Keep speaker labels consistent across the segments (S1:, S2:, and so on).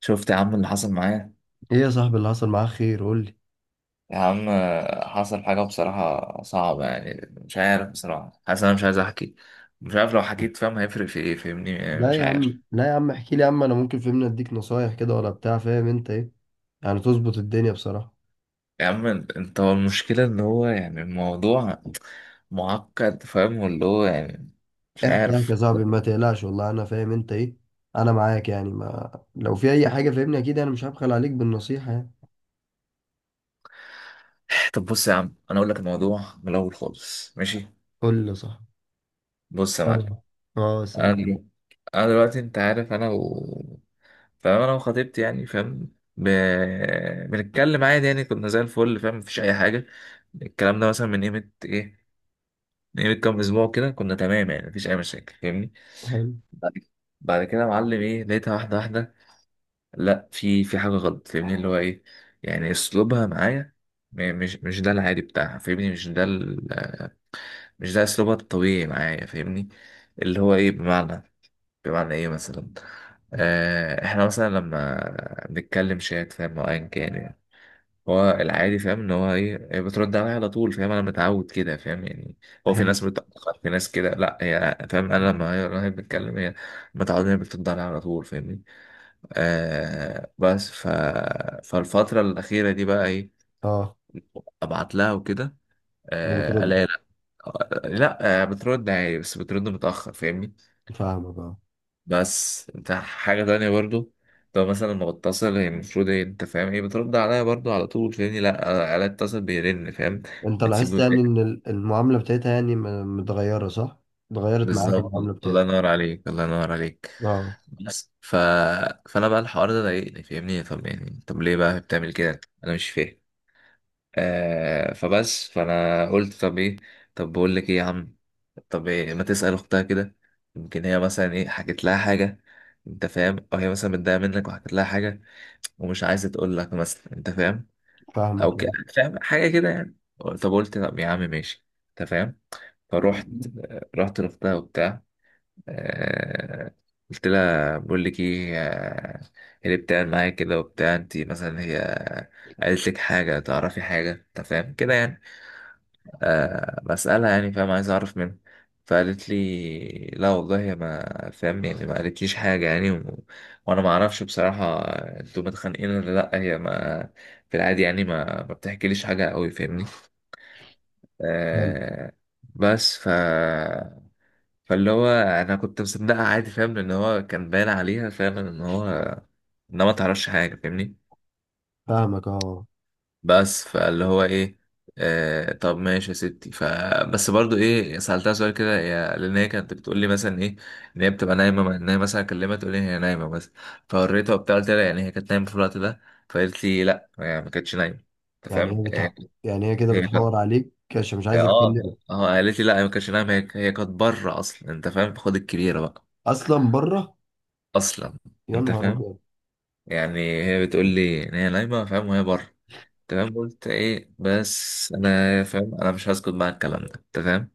S1: شفت يا عم اللي حصل معايا.
S2: ايه يا صاحبي، اللي حصل معاك خير قول لي.
S1: يا عم، حصل حاجة بصراحة صعبة يعني. مش عارف بصراحة، حاسس أنا مش عايز أحكي. مش عارف لو حكيت فاهم هيفرق في إيه، فاهمني؟ يعني
S2: لا
S1: مش
S2: يا
S1: عارف.
S2: عم لا يا عم احكي لي يا عم، انا ممكن فهمني اديك نصايح كده ولا بتاع، فاهم انت ايه يعني تظبط الدنيا بصراحة.
S1: يا عم أنت، هو المشكلة إن هو يعني الموضوع معقد، فاهم؟ واللي هو يعني مش
S2: احكي احكي يا
S1: عارف.
S2: صاحبي ما تقلقش، والله انا فاهم انت ايه، انا معاك يعني، ما لو في اي حاجة فهمني اكيد انا مش هبخل عليك بالنصيحة يعني.
S1: طب بص يا عم، أنا أقول لك الموضوع من الأول خالص، ماشي؟
S2: قول لي يا صاحبي.
S1: بص يا معلم،
S2: سامع. اه
S1: انا
S2: سامع.
S1: دلوقتي انا دلوقتي انت عارف، انا و... فاهم انا وخطيبتي يعني، فاهم؟ بنتكلم عادي يعني، كنا زي الفل فاهم، مفيش اي حاجه. الكلام ده مثلا من قيمه كام اسبوع كده، كنا تمام يعني مفيش اي مشاكل فاهمني.
S2: حلو.
S1: بعد بعد كده يا معلم ايه، لقيتها واحده واحده، لا في حاجه غلط فاهمني، اللي هو ايه، يعني اسلوبها معايا، مش ده العادي بتاعها فاهمني، مش ده اسلوبها الطبيعي معايا فاهمني. اللي هو ايه، بمعنى ايه مثلا. احنا مثلا لما بنتكلم شات فاهم، او ايا كان يعني، هو العادي فاهم ان هو ايه، هي بترد عليا على طول فاهم، انا متعود كده فاهم يعني. هو في
S2: حلو.
S1: ناس بتأخر، في ناس كده، لا هي فاهم، انا لما هي بتتكلم، هي متعود ان هي بترد عليا على طول فاهمني. بس فالفترة الأخيرة دي بقى ايه،
S2: اه.
S1: ابعت لها وكده،
S2: وبترد؟
S1: الاقي لا. لا، بترد عادي بس بترد متأخر فاهمني.
S2: فاهمك اه.
S1: بس انت حاجة تانية برضو، لو مثلا ما بتصل هي المفروض ايه انت فاهم، ايه بترد عليا برضو على طول فاهمني، لا انا اتصل بيرن فاهم،
S2: انت
S1: بتسيبه
S2: لاحظت يعني
S1: يرن.
S2: ان المعاملة بتاعتها يعني متغيرة صح؟ اتغيرت معاك
S1: بالظبط.
S2: المعاملة
S1: الله
S2: بتاعتها.
S1: ينور عليك، الله ينور عليك.
S2: اه
S1: بس فانا بقى الحوار ده ضايقني فاهمني، طب يعني طب ليه بقى بتعمل كده، انا مش فاهم. فبس فانا قلت طب ايه، طب بقول لك ايه يا عم، طب إيه ما تسأل اختها كده، يمكن هي مثلا ايه حكت لها حاجة، انت فاهم، او هي مثلا متضايقة منك وحكت لها حاجة ومش عايزة تقول لك مثلا، انت فاهم،
S2: فاهمك
S1: او
S2: آه.
S1: ك... فاهم حاجة كده يعني. طب قلت طب يا عم ماشي انت فاهم، فروحت رحت لاختها وبتاع، آه، قلت لها بقول لك ايه، إيه اللي بتعمل معايا كده وبتاع، انت مثلا هي قالت لك حاجة، تعرفي حاجة انت فاهم كده يعني. بسألها يعني فاهم، عايز أعرف منها. فقالت لي لا والله يا ما فاهم، يعني ما قالتليش حاجة يعني وأنا ما أعرفش بصراحة أنتوا متخانقين ولا لأ، هي ما في العادي يعني ما بتحكيليش حاجة أوي فاهمني.
S2: حلو.
S1: آه بس فاللي هو أنا كنت مصدقها عادي فاهم، لأن هو كان باين عليها فعلا إن هو إنها ما تعرفش حاجة فاهمني.
S2: فاهمك اه.
S1: بس فاللي هو ايه، طب ماشي يا ستي. بس برضو ايه سألتها سؤال كده، هي لان هي كانت بتقول لي مثلا ايه، ان هي بتبقى نايمه، ان هي مثلا اكلمها تقول لي هي نايمه بس. فوريتها وبتاع، قلت لها يعني هي كانت نايمه في الوقت ده، فقالت لي لا يعني ما كانتش نايمه. انت
S2: يعني
S1: فاهم؟
S2: هي بتح... يعني هي كده
S1: هي كانت،
S2: بتحور عليك عشان مش
S1: اه،
S2: عايزه
S1: اه.
S2: تكلمك.
S1: قالت لي لا هي ما كانتش نايمه، هي كانت بره اصلا انت فاهم، خد الكبيره بقى،
S2: اصلا بره.
S1: اصلا.
S2: يا
S1: انت
S2: نهار
S1: فاهم؟
S2: ابيض.
S1: يعني هي بتقول لي ان هي نايمه فاهم، وهي بره. تمام، قلت ايه، بس انا فاهم انا مش هسكت مع الكلام ده انت فاهم،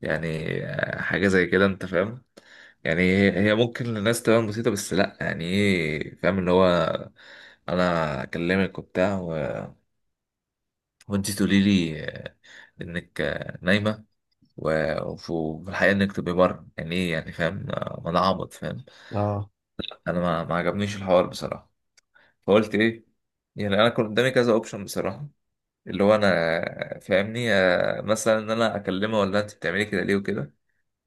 S1: يعني حاجه زي كده انت فاهم، يعني هي ممكن للناس تبان بسيطه، بس لا يعني ايه فاهم، اللي هو انا اكلمك وبتاع وانت تقولي لي انك نايمه، و- وف- وفي الحقيقه انك تبقي بره، يعني ايه يعني فاهم، ما انا عبط فاهم.
S2: اه
S1: انا ما عجبنيش الحوار بصراحه. فقلت ايه، يعني انا كان قدامي كذا اوبشن بصراحه، اللي هو انا فاهمني، مثلا ان انا اكلمها ولا انت بتعملي كده ليه وكده،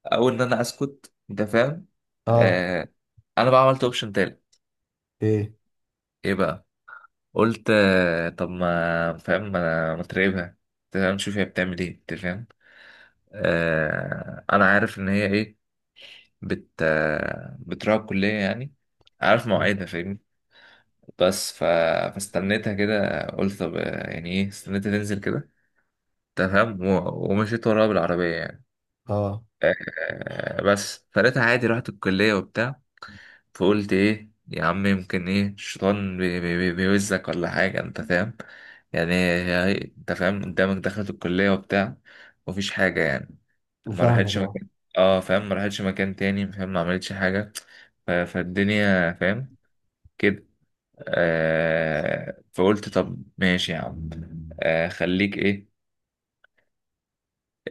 S1: او ان انا اسكت انت فاهم،
S2: اه.
S1: آه انا بقى عملت اوبشن تالت.
S2: ايه.
S1: ايه بقى، قلت طب ما فاهم، ما تراقبها، أنت فاهم، نشوف هي بتعمل ايه انت فاهم. انا عارف ان هي ايه، بت آه، بتروح الكليه يعني، عارف
S2: اه.
S1: مواعيدها فاهمني. بس فاستنيتها كده قلت طب يعني ايه، استنيتها تنزل كده تمام، و- ومشيت وراها بالعربية يعني.
S2: آه.
S1: بس فلقيتها عادي، رحت الكلية وبتاع. فقلت ايه يا عم يمكن ايه الشيطان بيوزك ولا حاجة انت فاهم، يعني انت فاهم قدامك دخلت الكلية وبتاع، مفيش حاجة يعني، ما
S2: فاهمك
S1: راحتش
S2: اه.
S1: مكان. اه فاهم، ما راحتش مكان تاني فاهم، ما عملتش حاجة. فالدنيا فاهم كده. فقلت طب ماشي يا عم، خليك ايه،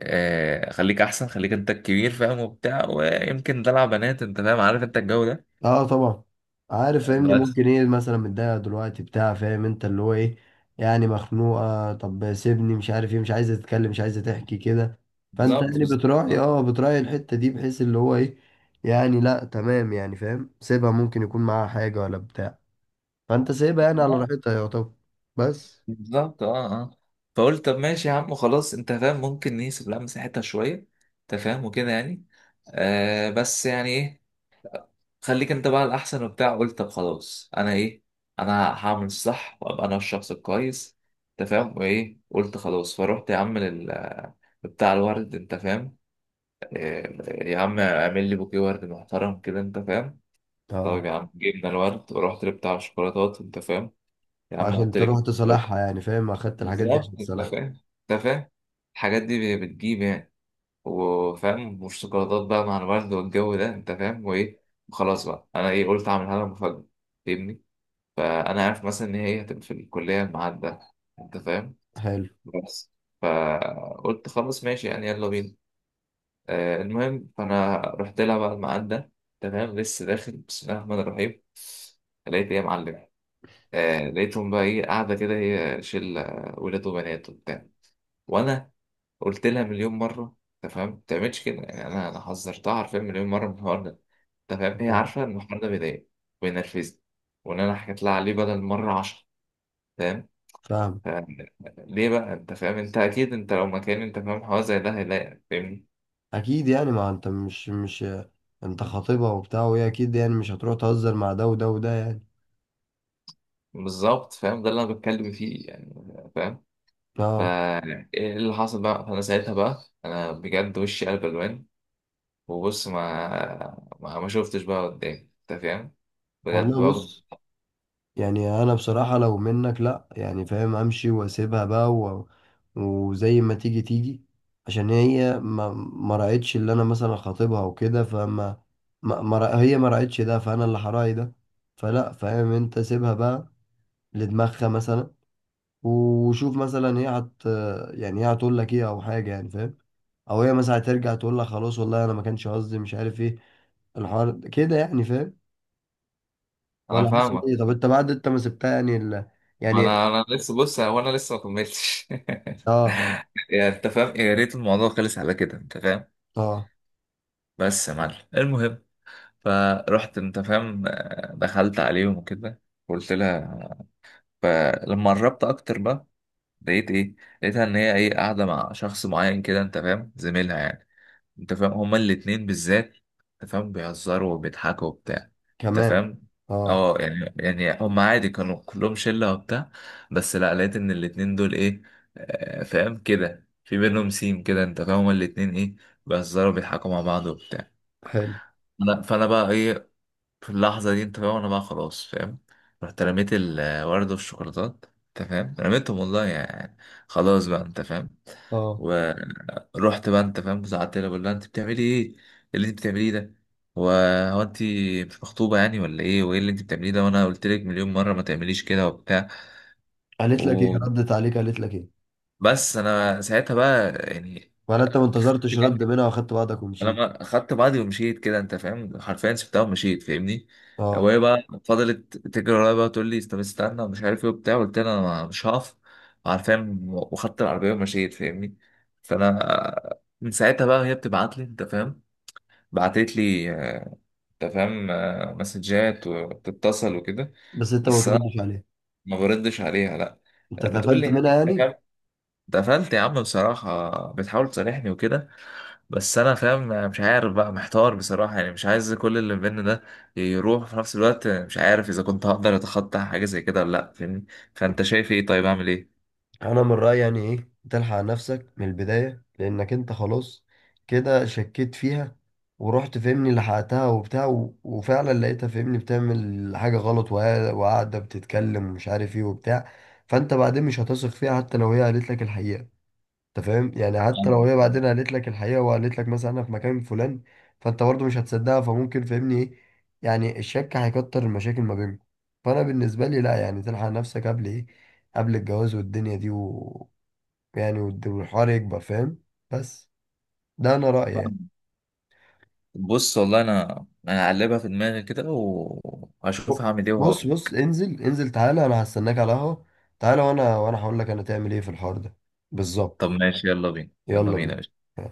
S1: خليك احسن، خليك انت الكبير فاهم وبتاع، ويمكن دلع بنات انت فاهم عارف انت الجو ده،
S2: اه طبعا. عارف فاهمني،
S1: بس.
S2: ممكن ايه مثلا متضايقه دلوقتي بتاع، فاهم انت اللي هو ايه، يعني مخنوقه، طب سيبني مش عارف ايه، مش عايزه تتكلم مش عايزه تحكي كده. فانت
S1: بالظبط
S2: يعني
S1: بالظبط،
S2: بتراعي
S1: آه.
S2: اه بتراعي الحته دي بحيث اللي هو ايه، يعني لا تمام يعني فاهم، سيبها ممكن يكون معاها حاجه ولا بتاع، فانت سيبها يعني على
S1: آه،
S2: راحتها يا طب. بس
S1: بالظبط، اه، اه. فقلت طب ماشي يا عم خلاص، انت فاهم ممكن نسيب لها مساحتها شويه انت فاهم، وكده يعني. بس يعني ايه، خليك انت بقى الاحسن وبتاع. قلت طب خلاص، انا ايه، انا هعمل الصح وابقى انا الشخص الكويس انت فاهم وايه. قلت خلاص، فروحت يا عم بتاع الورد انت فاهم، يا عم اعمل لي بوكيه ورد محترم كده انت فاهم.
S2: اه.
S1: طيب يا عم جبنا الورد، ورحت لبتاع الشوكولاتات انت فاهم، يا عم
S2: عشان
S1: حط لي
S2: تروح
S1: كده
S2: تصلحها
S1: شوكولاتة.
S2: يعني فاهم، اخدت الحاجات دي
S1: بالظبط
S2: عشان
S1: انت
S2: تصلحها.
S1: فاهم، انت فاهم الحاجات دي بتجيب يعني، وفاهم مش شوكولاتات بقى مع الورد والجو ده انت فاهم وايه. وخلاص بقى، انا ايه، قلت اعملها لها مفاجأة فاهمني. فانا عارف مثلا ان هي هتبقى في الكلية الميعاد ده انت فاهم،
S2: حلو.
S1: بس. فقلت خلاص ماشي يعني، يلا بينا. المهم فانا رحت لها بعد ما عدى تمام، لسه داخل بسم الله الرحمن الرحيم، لقيت ايه يا معلم؟ لقيتهم بقى ايه، قاعده كده، هي شله ولاد وبنات وبتاع، وانا قلت لها مليون مره تمام ما تعملش كده يعني، انا حذرتها عارفين مليون مره من الحوار ده تمام، هي
S2: اه
S1: عارفه ان الحوار ده بيضايق وينرفزني، وان انا حكيت لها عليه بدل مره 10 تمام.
S2: فاهم.
S1: ف- ليه بقى، انت فاهم انت اكيد انت لو مكاني انت فاهم حوار زي ده هيضايقك فاهمني.
S2: اكيد يعني، ما انت مش، انت خاطبها وبتاع وهي اكيد يعني مش هتروح تهزر مع ده وده وده يعني.
S1: بالظبط فاهم، ده اللي انا بتكلم فيه يعني فاهم. فا
S2: اه.
S1: ايه اللي حصل بقى، فانا ساعتها بقى انا بجد وشي قلب الوان، وبص ما شفتش بقى قدامي انت فاهم، بجد
S2: والله
S1: برضه.
S2: بص، يعني انا بصراحة لو منك لا يعني فاهم امشي واسيبها بقى و، وزي ما تيجي تيجي، عشان هي ما راعتش اللي انا مثلا خاطبها وكده، فما ما... ما... رأ- هي ما راعتش ده، فانا اللي هراعي ده. فلا فاهم، انت سيبها بقى لدماغها مثلا، وشوف مثلا هي هت يعني هي هتقول لك ايه او حاجه يعني فاهم. او هي مثلا هترجع تقول لك خلاص والله انا ما كانش قصدي، مش عارف ايه الحوار كده يعني فاهم.
S1: انا
S2: ولا حاسس
S1: فاهمك،
S2: ايه، طب انت بعد انت ما سبتها يعني ال،
S1: ما
S2: يعني.
S1: انا لسه، بص هو انا لسه ما كملتش
S2: اه.
S1: يعني انت فاهم، يا ريت الموضوع خلص على كده انت فاهم.
S2: اه.
S1: بس يا معلم المهم، فرحت انت فاهم، دخلت عليهم وكده، قلت لها، فلما قربت اكتر بقى لقيت ايه، لقيتها ان هي ايه، قاعده مع شخص معين كده انت فاهم، زميلها يعني، انت فاهم هما الاتنين بالذات، انت فاهم بيهزروا وبيضحكوا وبتاع، انت
S2: كمان.
S1: فاهم.
S2: اه.
S1: اه يعني هما عادي كانوا كلهم شله وبتاع، بس لا لقيت ان الاتنين دول ايه، فاهم كده في بينهم سيم كده انت فاهم، هما الاتنين ايه بيهزروا وبيضحكوا مع بعض وبتاع.
S2: حلو.
S1: انا فانا بقى ايه، في اللحظة دي انت فاهم انا بقى خلاص فاهم، رحت رميت الورد والشوكولاتات انت فاهم، رميتهم والله يعني، خلاص بقى انت فاهم.
S2: اه.
S1: ورحت بقى انت فاهم زعلت لها، بقول لها انت بتعملي ايه، إيه اللي انت بتعمليه ده، هو هو انت مش مخطوبة يعني ولا ايه، وايه اللي انت بتعمليه ده، وانا قلت لك مليون مرة ما تعمليش كده وبتاع،
S2: قالت لك ايه؟
S1: وبس.
S2: ردت عليك قالت لك ايه؟
S1: انا ساعتها بقى يعني،
S2: ولا انت ما انتظرتش رد منها واخدت بعضك
S1: انا
S2: ومشيت؟
S1: ما خدت بعضي ومشيت كده انت فاهم، حرفيا سبتها ومشيت فاهمني.
S2: اه.
S1: وهي بقى فضلت تجري ورايا بقى تقول لي طب استنى ومش عارف ايه وبتاع، قلت لها انا مش هقف عارفين، وخدت العربيه ومشيت فاهمني. فانا من ساعتها بقى هي بتبعت لي انت فاهم، بعتت لي انت فاهم مسجات وبتتصل وكده.
S2: بس انت ما
S1: بس انا
S2: تردش عليها.
S1: ما بردش عليها، لا.
S2: انت
S1: بتقول
S2: اتقفلت
S1: لي يعني
S2: منها
S1: انت
S2: يعني.
S1: فاهم؟ اتقفلت يا عم بصراحه، بتحاول تصالحني وكده، بس انا فاهم أنا مش عارف بقى، محتار بصراحه يعني، مش عايز كل اللي بينا ده يروح في نفس الوقت، مش عارف اذا كنت هقدر اتخطى حاجه زي كده ولا لا فاهمني. فانت شايف ايه؟ طيب اعمل ايه؟
S2: انا من رايي يعني ايه، تلحق نفسك من البدايه، لانك انت خلاص كده شكيت فيها، ورحت فهمني لحقتها وبتاع وفعلا لقيتها فهمني بتعمل حاجه غلط وقاعده بتتكلم ومش عارف ايه وبتاع. فانت بعدين مش هتثق فيها حتى لو هي قالت لك الحقيقه، انت فاهم يعني، حتى لو
S1: فاهم.
S2: هي بعدين قالت لك الحقيقه وقالت لك مثلا انا في مكان فلان، فانت برضه مش هتصدقها، فممكن فاهمني ايه، يعني الشك هيكتر المشاكل ما بينكم. فانا بالنسبه لي لا يعني، تلحق نفسك قبل ايه، قبل الجواز والدنيا دي و، يعني والحوار يكبر فاهم. بس، ده انا رايي يعني.
S1: فاهم. بص والله انا هقلبها في دماغي كده وهشوف
S2: ب-
S1: هعمل ايه
S2: بص
S1: وهقول.
S2: بص، انزل انزل تعالى، انا هستناك على القهوه. تعالى، وانا هقول لك انا تعمل ايه في الحوار ده.
S1: طب
S2: بالظبط.
S1: ماشي، يلا بينا، يلا
S2: يلا
S1: بينا.
S2: بينا.